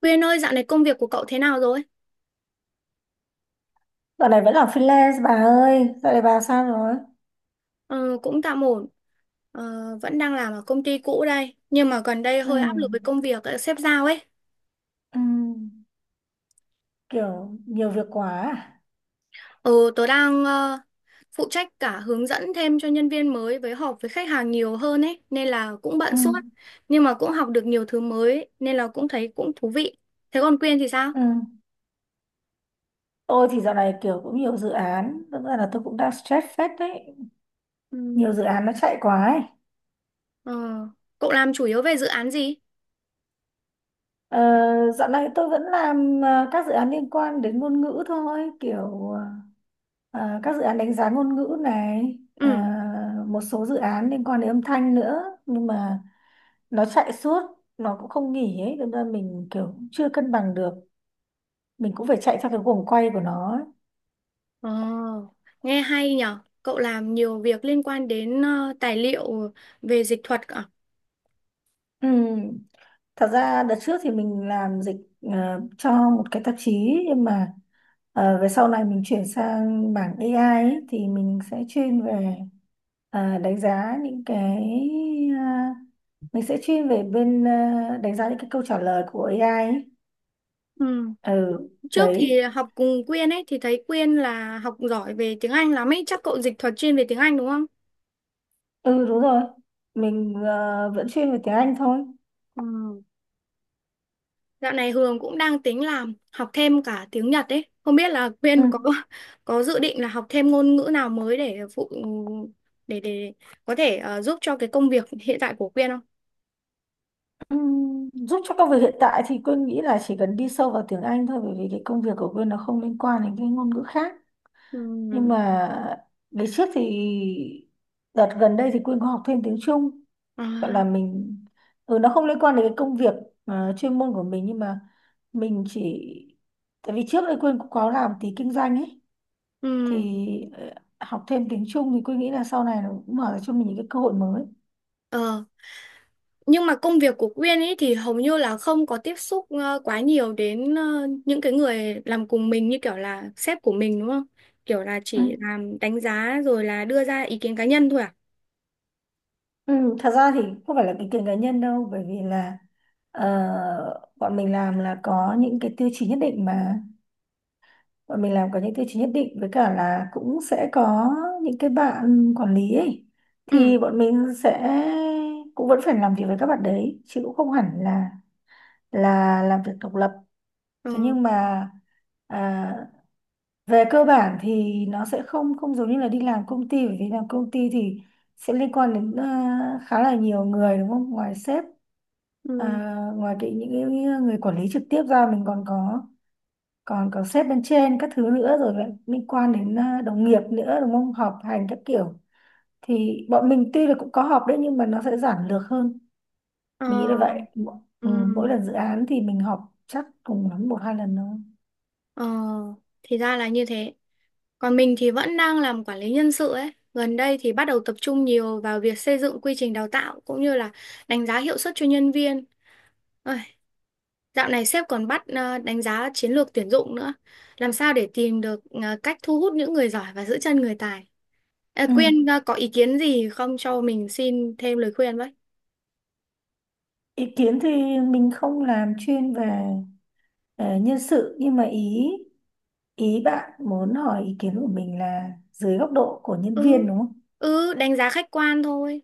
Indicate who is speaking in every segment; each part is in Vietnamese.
Speaker 1: Quyên ơi, dạo này công việc của cậu thế nào rồi?
Speaker 2: Dạo này vẫn là freelance bà ơi. Dạo này bà sao rồi?
Speaker 1: Ờ, cũng tạm ổn, ờ, vẫn đang làm ở công ty cũ đây, nhưng mà gần đây
Speaker 2: Ừ.
Speaker 1: hơi áp lực với công việc sếp giao ấy.
Speaker 2: Ừ. Kiểu nhiều việc quá à?
Speaker 1: Ờ, tớ đang phụ trách cả hướng dẫn thêm cho nhân viên mới với họp với khách hàng nhiều hơn ấy, nên là cũng bận
Speaker 2: Ừ.
Speaker 1: suốt, nhưng mà cũng học được nhiều thứ mới, nên là cũng thấy cũng thú vị. Thế còn Quyên thì sao?
Speaker 2: Ừ. Tôi thì dạo này kiểu cũng nhiều dự án. Thực ra là tôi cũng đang stress phết đấy.
Speaker 1: Ừ.
Speaker 2: Nhiều dự án nó chạy quá ấy.
Speaker 1: Ờ, cậu làm chủ yếu về dự án gì?
Speaker 2: Ờ, Dạo này tôi vẫn làm các dự án liên quan đến ngôn ngữ thôi. Kiểu ờ, các dự án đánh giá ngôn ngữ này. Ờ,
Speaker 1: Ừ.
Speaker 2: Một số dự án liên quan đến âm thanh nữa. Nhưng mà nó chạy suốt. Nó cũng không nghỉ ấy. Thế nên mình kiểu chưa cân bằng được, mình cũng phải chạy theo cái guồng quay của nó ấy.
Speaker 1: Ồ, nghe hay nhở. Cậu làm nhiều việc liên quan đến tài liệu về dịch thuật cả.
Speaker 2: Ừ. Thật ra đợt trước thì mình làm dịch cho một cái tạp chí, nhưng mà về sau này mình chuyển sang mảng AI ấy, thì mình sẽ chuyên về đánh giá ờ, mình sẽ chuyên về bên đánh giá những cái câu trả lời của AI ấy.
Speaker 1: Ừ.
Speaker 2: Ừ.
Speaker 1: Trước
Speaker 2: Đấy.
Speaker 1: thì học cùng Quyên ấy thì thấy Quyên là học giỏi về tiếng Anh lắm ấy, chắc cậu dịch thuật chuyên về tiếng Anh đúng không?
Speaker 2: Ừ, đúng rồi. Mình vẫn chuyên về tiếng Anh thôi.
Speaker 1: Ừ. Dạo này Hường cũng đang tính làm học thêm cả tiếng Nhật ấy. Không biết là
Speaker 2: Ừ.
Speaker 1: Quyên có dự định là học thêm ngôn ngữ nào mới để phụ để có thể giúp cho cái công việc hiện tại của Quyên không?
Speaker 2: Giúp cho công việc hiện tại thì Quyên nghĩ là chỉ cần đi sâu vào tiếng Anh thôi, bởi vì cái công việc của Quyên nó không liên quan đến cái ngôn ngữ khác. Nhưng
Speaker 1: Ừ.
Speaker 2: mà ngày trước thì đợt gần đây thì Quyên có học thêm tiếng Trung, gọi
Speaker 1: À,
Speaker 2: là mình, ừ, nó không liên quan đến cái công việc chuyên môn của mình, nhưng mà mình chỉ, tại vì trước đây Quyên cũng có làm tí kinh doanh ấy, thì
Speaker 1: ừ.
Speaker 2: ờ, học thêm tiếng Trung thì Quyên nghĩ là sau này nó cũng mở ra cho mình những cái cơ hội mới.
Speaker 1: Ờ, nhưng mà công việc của Quyên ấy thì hầu như là không có tiếp xúc quá nhiều đến những cái người làm cùng mình như kiểu là sếp của mình đúng không? Kiểu là chỉ làm đánh giá rồi là đưa ra ý kiến cá nhân thôi à?
Speaker 2: Ừ, thật ra thì không phải là ý kiến cá nhân đâu, bởi vì là ờ, bọn mình làm là có những cái tiêu chí nhất định mà bọn mình làm có những tiêu chí nhất định với cả là cũng sẽ có những cái bạn quản lý ấy,
Speaker 1: Ừ.
Speaker 2: thì bọn mình sẽ cũng vẫn phải làm việc với các bạn đấy, chứ cũng không hẳn là làm việc độc lập. Thế
Speaker 1: Ừ.
Speaker 2: nhưng mà à, về cơ bản thì nó sẽ không không giống như là đi làm công ty, bởi vì làm công ty thì sẽ liên quan đến khá là nhiều người đúng không, ngoài sếp,
Speaker 1: Ừ.
Speaker 2: ngoài cái những cái người quản lý trực tiếp ra, mình còn có sếp bên trên các thứ nữa, rồi lại liên quan đến đồng nghiệp nữa đúng không, họp hành các kiểu. Thì bọn mình tuy là cũng có họp đấy nhưng mà nó sẽ giản lược hơn, mình nghĩ
Speaker 1: Ờ.
Speaker 2: là vậy. Mỗi,
Speaker 1: Ừ.
Speaker 2: ừ, mỗi lần dự án thì mình họp chắc cùng lắm một hai lần thôi.
Speaker 1: Ờ. Thì ra là như thế. Còn mình thì vẫn đang làm quản lý nhân sự ấy. Gần đây thì bắt đầu tập trung nhiều vào việc xây dựng quy trình đào tạo cũng như là đánh giá hiệu suất cho nhân viên. Ôi, dạo này sếp còn bắt đánh giá chiến lược tuyển dụng nữa. Làm sao để tìm được cách thu hút những người giỏi và giữ chân người tài? À,
Speaker 2: Ừ.
Speaker 1: Quyên có ý kiến gì không cho mình xin thêm lời khuyên với?
Speaker 2: Ý kiến thì mình không làm chuyên về nhân sự, nhưng mà ý ý bạn muốn hỏi ý kiến của mình là dưới góc độ của nhân
Speaker 1: Ừ,
Speaker 2: viên đúng không?
Speaker 1: ừ, đánh giá khách quan thôi.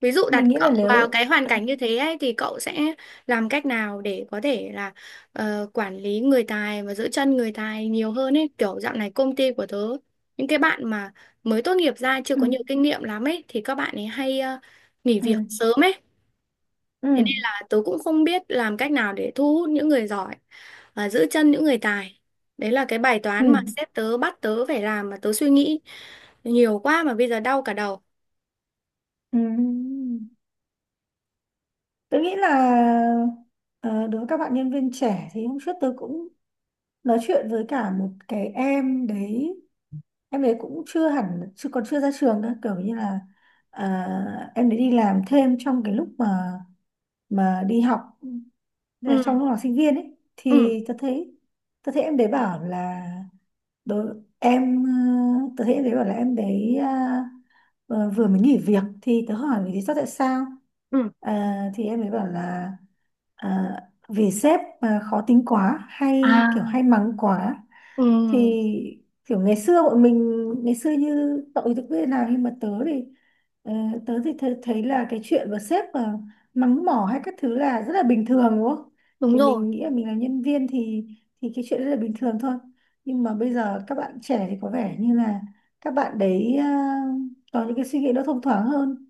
Speaker 1: Ví dụ
Speaker 2: Mình
Speaker 1: đặt
Speaker 2: nghĩ là
Speaker 1: cậu vào
Speaker 2: nếu,
Speaker 1: cái hoàn cảnh như thế ấy, thì cậu sẽ làm cách nào để có thể là quản lý người tài và giữ chân người tài nhiều hơn ấy. Kiểu dạo này công ty của tớ, những cái bạn mà mới tốt nghiệp ra chưa
Speaker 2: ừ,
Speaker 1: có nhiều kinh nghiệm lắm ấy thì các bạn ấy hay nghỉ
Speaker 2: ừ,
Speaker 1: việc sớm ấy.
Speaker 2: ừ,
Speaker 1: Thế nên là tớ cũng không biết làm cách nào để thu hút những người giỏi và giữ chân những người tài. Đấy là cái bài
Speaker 2: ừ,
Speaker 1: toán mà
Speaker 2: ừ.
Speaker 1: sếp tớ bắt tớ phải làm mà tớ suy nghĩ nhiều quá mà bây giờ đau cả đầu.
Speaker 2: Ừ. Tôi nghĩ là ờ, đối với các bạn nhân viên trẻ thì hôm trước tôi cũng nói chuyện với cả một cái em đấy. Em đấy cũng chưa hẳn, chưa còn chưa ra trường nữa, kiểu như là em đấy đi làm thêm trong cái lúc mà đi học. Đấy,
Speaker 1: Ừ,
Speaker 2: trong lúc học sinh viên ấy
Speaker 1: ừ,
Speaker 2: thì tôi thấy, tôi thấy em đấy bảo là đối em, tớ hiện thấy bảo là em đấy vừa mới nghỉ việc, thì tớ hỏi lý do tại sao.
Speaker 1: ừ.
Speaker 2: À, thì em ấy bảo là à, vì sếp mà khó tính quá
Speaker 1: À.
Speaker 2: hay kiểu hay mắng quá.
Speaker 1: Ừ,
Speaker 2: Thì kiểu ngày xưa bọn mình, ngày xưa như cậu thì tớ biết nào, nhưng mà tớ thì ờ, tớ thì thấy, thấy là cái chuyện mà sếp mà mắng mỏ hay các thứ là rất là bình thường đúng không.
Speaker 1: đúng
Speaker 2: Thì
Speaker 1: rồi.
Speaker 2: mình nghĩ là mình là nhân viên thì cái chuyện rất là bình thường thôi. Nhưng mà bây giờ các bạn trẻ thì có vẻ như là các bạn đấy có những cái suy nghĩ nó thông thoáng hơn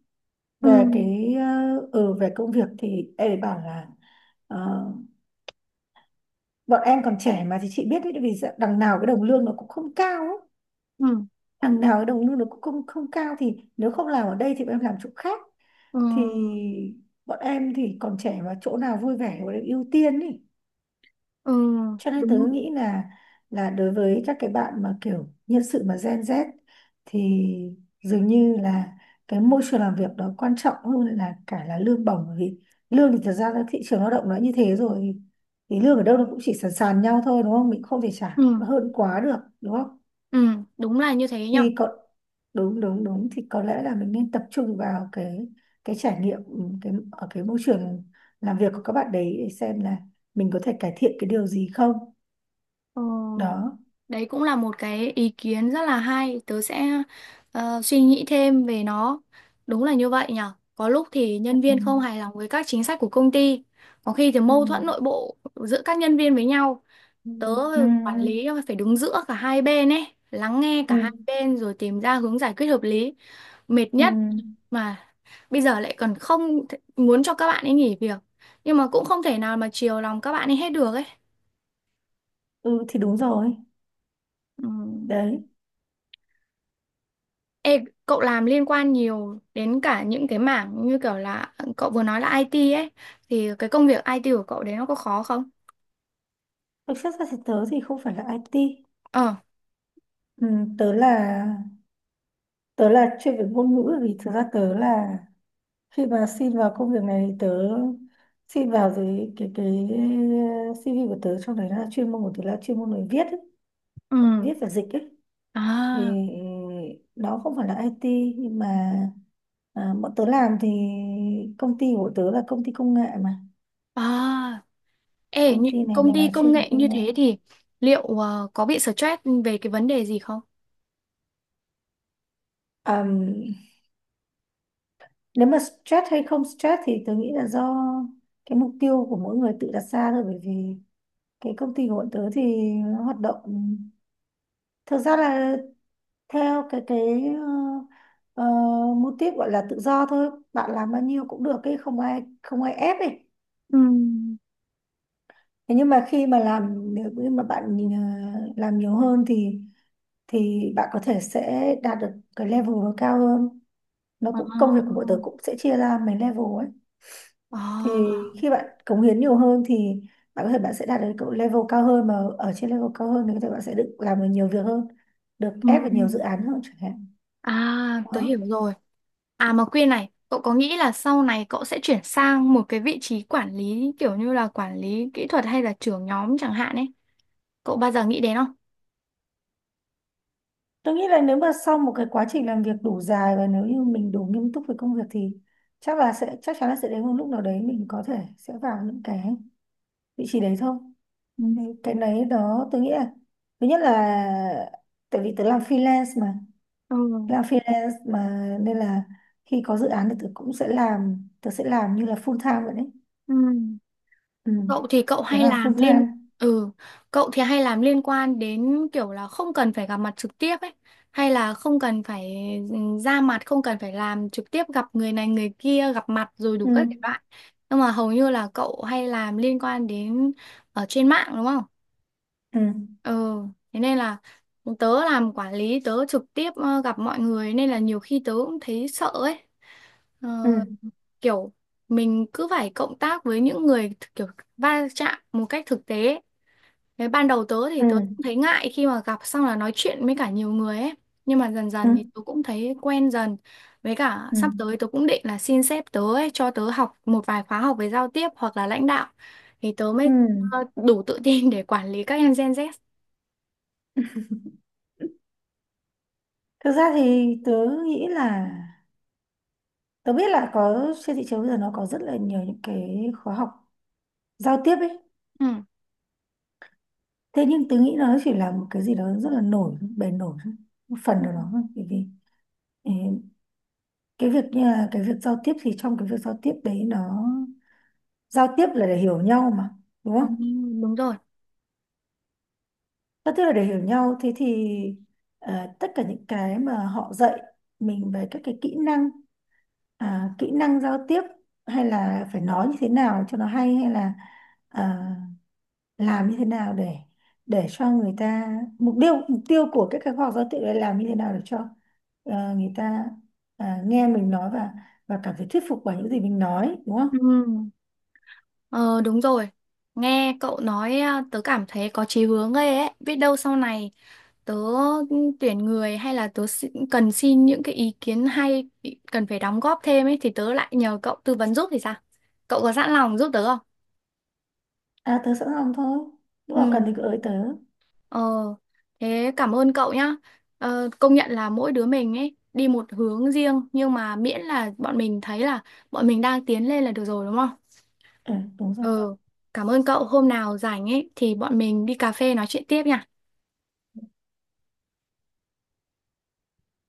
Speaker 1: Ừ,
Speaker 2: về cái, ừ, về công việc thì em ấy bảo là ờ, bọn em còn trẻ mà, thì chị biết đấy, vì đằng nào cái đồng lương nó cũng không cao ấy.
Speaker 1: ừ,
Speaker 2: Đằng nào cái đồng lương nó cũng không không cao, thì nếu không làm ở đây thì bọn em làm chỗ khác,
Speaker 1: ừ,
Speaker 2: thì bọn em thì còn trẻ mà, chỗ nào vui vẻ thì bọn em ưu tiên ý.
Speaker 1: ừ,
Speaker 2: Cho nên tớ
Speaker 1: đúng.
Speaker 2: nghĩ là đối với các cái bạn mà kiểu nhân sự mà Gen Z thì dường như là cái môi trường làm việc đó quan trọng hơn là cả là lương bổng, bởi vì lương thì thật ra là thị trường lao động nó như thế rồi, thì lương ở đâu nó cũng chỉ sàn sàn nhau thôi đúng không, mình không thể trả
Speaker 1: Ừ,
Speaker 2: hơn quá được đúng không.
Speaker 1: ừ, đúng là như thế nhở.
Speaker 2: Thì có, đúng đúng đúng thì có lẽ là mình nên tập trung vào cái trải nghiệm, ừ, cái ở cái môi trường làm việc của các bạn đấy, để xem là mình có thể cải thiện cái điều gì không
Speaker 1: Ờ,
Speaker 2: đó.
Speaker 1: đấy cũng là một cái ý kiến rất là hay. Tớ sẽ suy nghĩ thêm về nó. Đúng là như vậy nhở. Có lúc thì
Speaker 2: Ừ,
Speaker 1: nhân viên không hài lòng với các chính sách của công ty. Có khi thì
Speaker 2: ừ,
Speaker 1: mâu thuẫn nội bộ giữa các nhân viên với nhau.
Speaker 2: ừ,
Speaker 1: Tớ
Speaker 2: ừ,
Speaker 1: quản lý phải đứng giữa cả hai bên ấy. Lắng nghe cả
Speaker 2: ừ,
Speaker 1: hai bên rồi tìm ra hướng giải quyết hợp lý. Mệt
Speaker 2: ừ.
Speaker 1: nhất mà bây giờ lại còn không muốn cho các bạn ấy nghỉ việc nhưng mà cũng không thể nào mà chiều lòng các bạn ấy hết được ấy.
Speaker 2: Ừ, thì đúng rồi
Speaker 1: Ừ.
Speaker 2: đấy.
Speaker 1: Ê, cậu làm liên quan nhiều đến cả những cái mảng như kiểu là cậu vừa nói là IT ấy thì cái công việc IT của cậu đấy nó có khó không?
Speaker 2: Thực chất ra thì tớ thì không phải là IT.
Speaker 1: Ờ,
Speaker 2: Ừ, tớ là tớ là chuyên về ngôn ngữ, vì thực ra tớ là khi mà xin vào công việc này thì tớ xin vào dưới cái CV của tớ, trong đấy là chuyên môn của tớ là chuyên môn người viết ấy,
Speaker 1: ừ.
Speaker 2: viết và dịch ấy. Thì
Speaker 1: À,
Speaker 2: đó không phải là IT, nhưng mà bọn tớ làm thì công ty của tớ là công ty công nghệ mà,
Speaker 1: à. Ê,
Speaker 2: công
Speaker 1: những
Speaker 2: ty này
Speaker 1: công ty
Speaker 2: là
Speaker 1: công
Speaker 2: chuyên về
Speaker 1: nghệ như
Speaker 2: công nghệ.
Speaker 1: thế thì liệu có bị stress về cái vấn đề gì không?
Speaker 2: Ờm, nếu mà stress hay không stress thì tôi nghĩ là do cái mục tiêu của mỗi người tự đặt ra thôi, bởi vì cái công ty của bọn tớ thì nó hoạt động, thực ra là theo cái ờ, mô típ gọi là tự do thôi, bạn làm bao nhiêu cũng được ấy, không ai ép ấy.
Speaker 1: Ừ.
Speaker 2: Thế nhưng mà khi mà làm, nếu như mà bạn nhìn, làm nhiều hơn thì bạn có thể sẽ đạt được cái level nó cao hơn, nó
Speaker 1: À,
Speaker 2: cũng công việc của bọn tớ cũng sẽ chia ra mấy level ấy. Thì
Speaker 1: à.
Speaker 2: khi bạn cống hiến nhiều hơn thì bạn có thể bạn sẽ đạt được cái level cao hơn, mà ở trên level cao hơn thì có thể bạn sẽ được làm được nhiều việc hơn, được
Speaker 1: Ừ.
Speaker 2: ép vào nhiều dự án hơn chẳng hạn.
Speaker 1: À, tớ
Speaker 2: Đó.
Speaker 1: hiểu rồi. À mà Quyên này, cậu có nghĩ là sau này cậu sẽ chuyển sang một cái vị trí quản lý kiểu như là quản lý kỹ thuật hay là trưởng nhóm chẳng hạn ấy? Cậu bao giờ nghĩ đến không?
Speaker 2: Tôi nghĩ là nếu mà sau một cái quá trình làm việc đủ dài và nếu như mình đủ nghiêm túc với công việc thì chắc là sẽ, chắc chắn là sẽ đến một lúc nào đấy mình có thể sẽ vào những cái vị trí đấy thôi.
Speaker 1: Ừ.
Speaker 2: Thì cái đấy đó tôi nghĩ là, thứ nhất là tại vì tớ làm freelance,
Speaker 1: Ừ.
Speaker 2: làm freelance mà nên là khi có dự án thì tớ cũng sẽ làm, tớ sẽ làm như là full time vậy đấy.
Speaker 1: Ừ.
Speaker 2: Ừ.
Speaker 1: Cậu thì cậu
Speaker 2: Tớ
Speaker 1: hay
Speaker 2: làm
Speaker 1: làm
Speaker 2: full
Speaker 1: liên
Speaker 2: time.
Speaker 1: ừ, cậu thì hay làm liên quan đến kiểu là không cần phải gặp mặt trực tiếp ấy, hay là không cần phải ừ, ra mặt, không cần phải làm trực tiếp gặp người này người kia, gặp mặt rồi đủ
Speaker 2: Ừ.
Speaker 1: các thể loại. Nhưng mà hầu như là cậu hay làm liên quan đến ở trên mạng đúng không?
Speaker 2: Ừ.
Speaker 1: Ừ, thế nên là tớ làm quản lý tớ trực tiếp gặp mọi người nên là nhiều khi tớ cũng thấy sợ ấy. Ờ,
Speaker 2: Ừ.
Speaker 1: kiểu mình cứ phải cộng tác với những người kiểu va chạm một cách thực tế ấy. Thế ban đầu tớ thì
Speaker 2: Ừ.
Speaker 1: tớ cũng thấy ngại khi mà gặp xong là nói chuyện với cả nhiều người ấy. Nhưng mà dần
Speaker 2: Ừ.
Speaker 1: dần thì tớ cũng thấy quen dần. Với cả
Speaker 2: Ừ.
Speaker 1: sắp tới tớ cũng định là xin sếp tớ ấy, cho tớ học một vài khóa học về giao tiếp hoặc là lãnh đạo. Thì tớ
Speaker 2: Ừ.
Speaker 1: mới đủ tự tin để quản lý các em Gen Z.
Speaker 2: Thực ra thì tớ nghĩ là tớ biết là có trên thị trường bây giờ nó có rất là nhiều những cái khóa học giao tiếp ấy.
Speaker 1: Ừ.
Speaker 2: Thế nhưng tớ nghĩ nó chỉ là một cái gì đó rất là bề nổi thôi, một phần nào đó thôi. Bởi vì, ừ, cái việc như là cái việc giao tiếp thì trong cái việc giao tiếp đấy nó, giao tiếp là để hiểu nhau mà đúng
Speaker 1: Ờ,
Speaker 2: không.
Speaker 1: đúng rồi.
Speaker 2: Giao tiếp là để hiểu nhau, thế thì tất cả những cái mà họ dạy mình về các cái kỹ năng, kỹ năng giao tiếp, hay là phải nói như thế nào cho nó hay, hay là à, làm như thế nào để cho người ta, mục tiêu của các cái khóa học giao tiếp là làm như thế nào để cho người ta nghe mình nói và cảm thấy thuyết phục bởi những gì mình nói đúng
Speaker 1: Ừ.
Speaker 2: không.
Speaker 1: Ờ, đúng rồi. Nghe cậu nói à, tớ cảm thấy có chí hướng ghê ấy. Biết đâu sau này tớ tuyển người hay là tớ cần xin những cái ý kiến hay cần phải đóng góp thêm ấy thì tớ lại nhờ cậu tư vấn giúp thì sao? Cậu có sẵn lòng giúp tớ không?
Speaker 2: À, tớ sẵn lòng thôi, lúc
Speaker 1: Ừ.
Speaker 2: nào cần thì cứ ới tớ.
Speaker 1: Ờ, thế cảm ơn cậu nhá. Ờ, công nhận là mỗi đứa mình ấy đi một hướng riêng nhưng mà miễn là bọn mình thấy là bọn mình đang tiến lên là được rồi đúng không?
Speaker 2: Ừ, đúng rồi.
Speaker 1: Ừ, cảm ơn cậu. Hôm nào rảnh ấy thì bọn mình đi cà phê nói chuyện tiếp nha.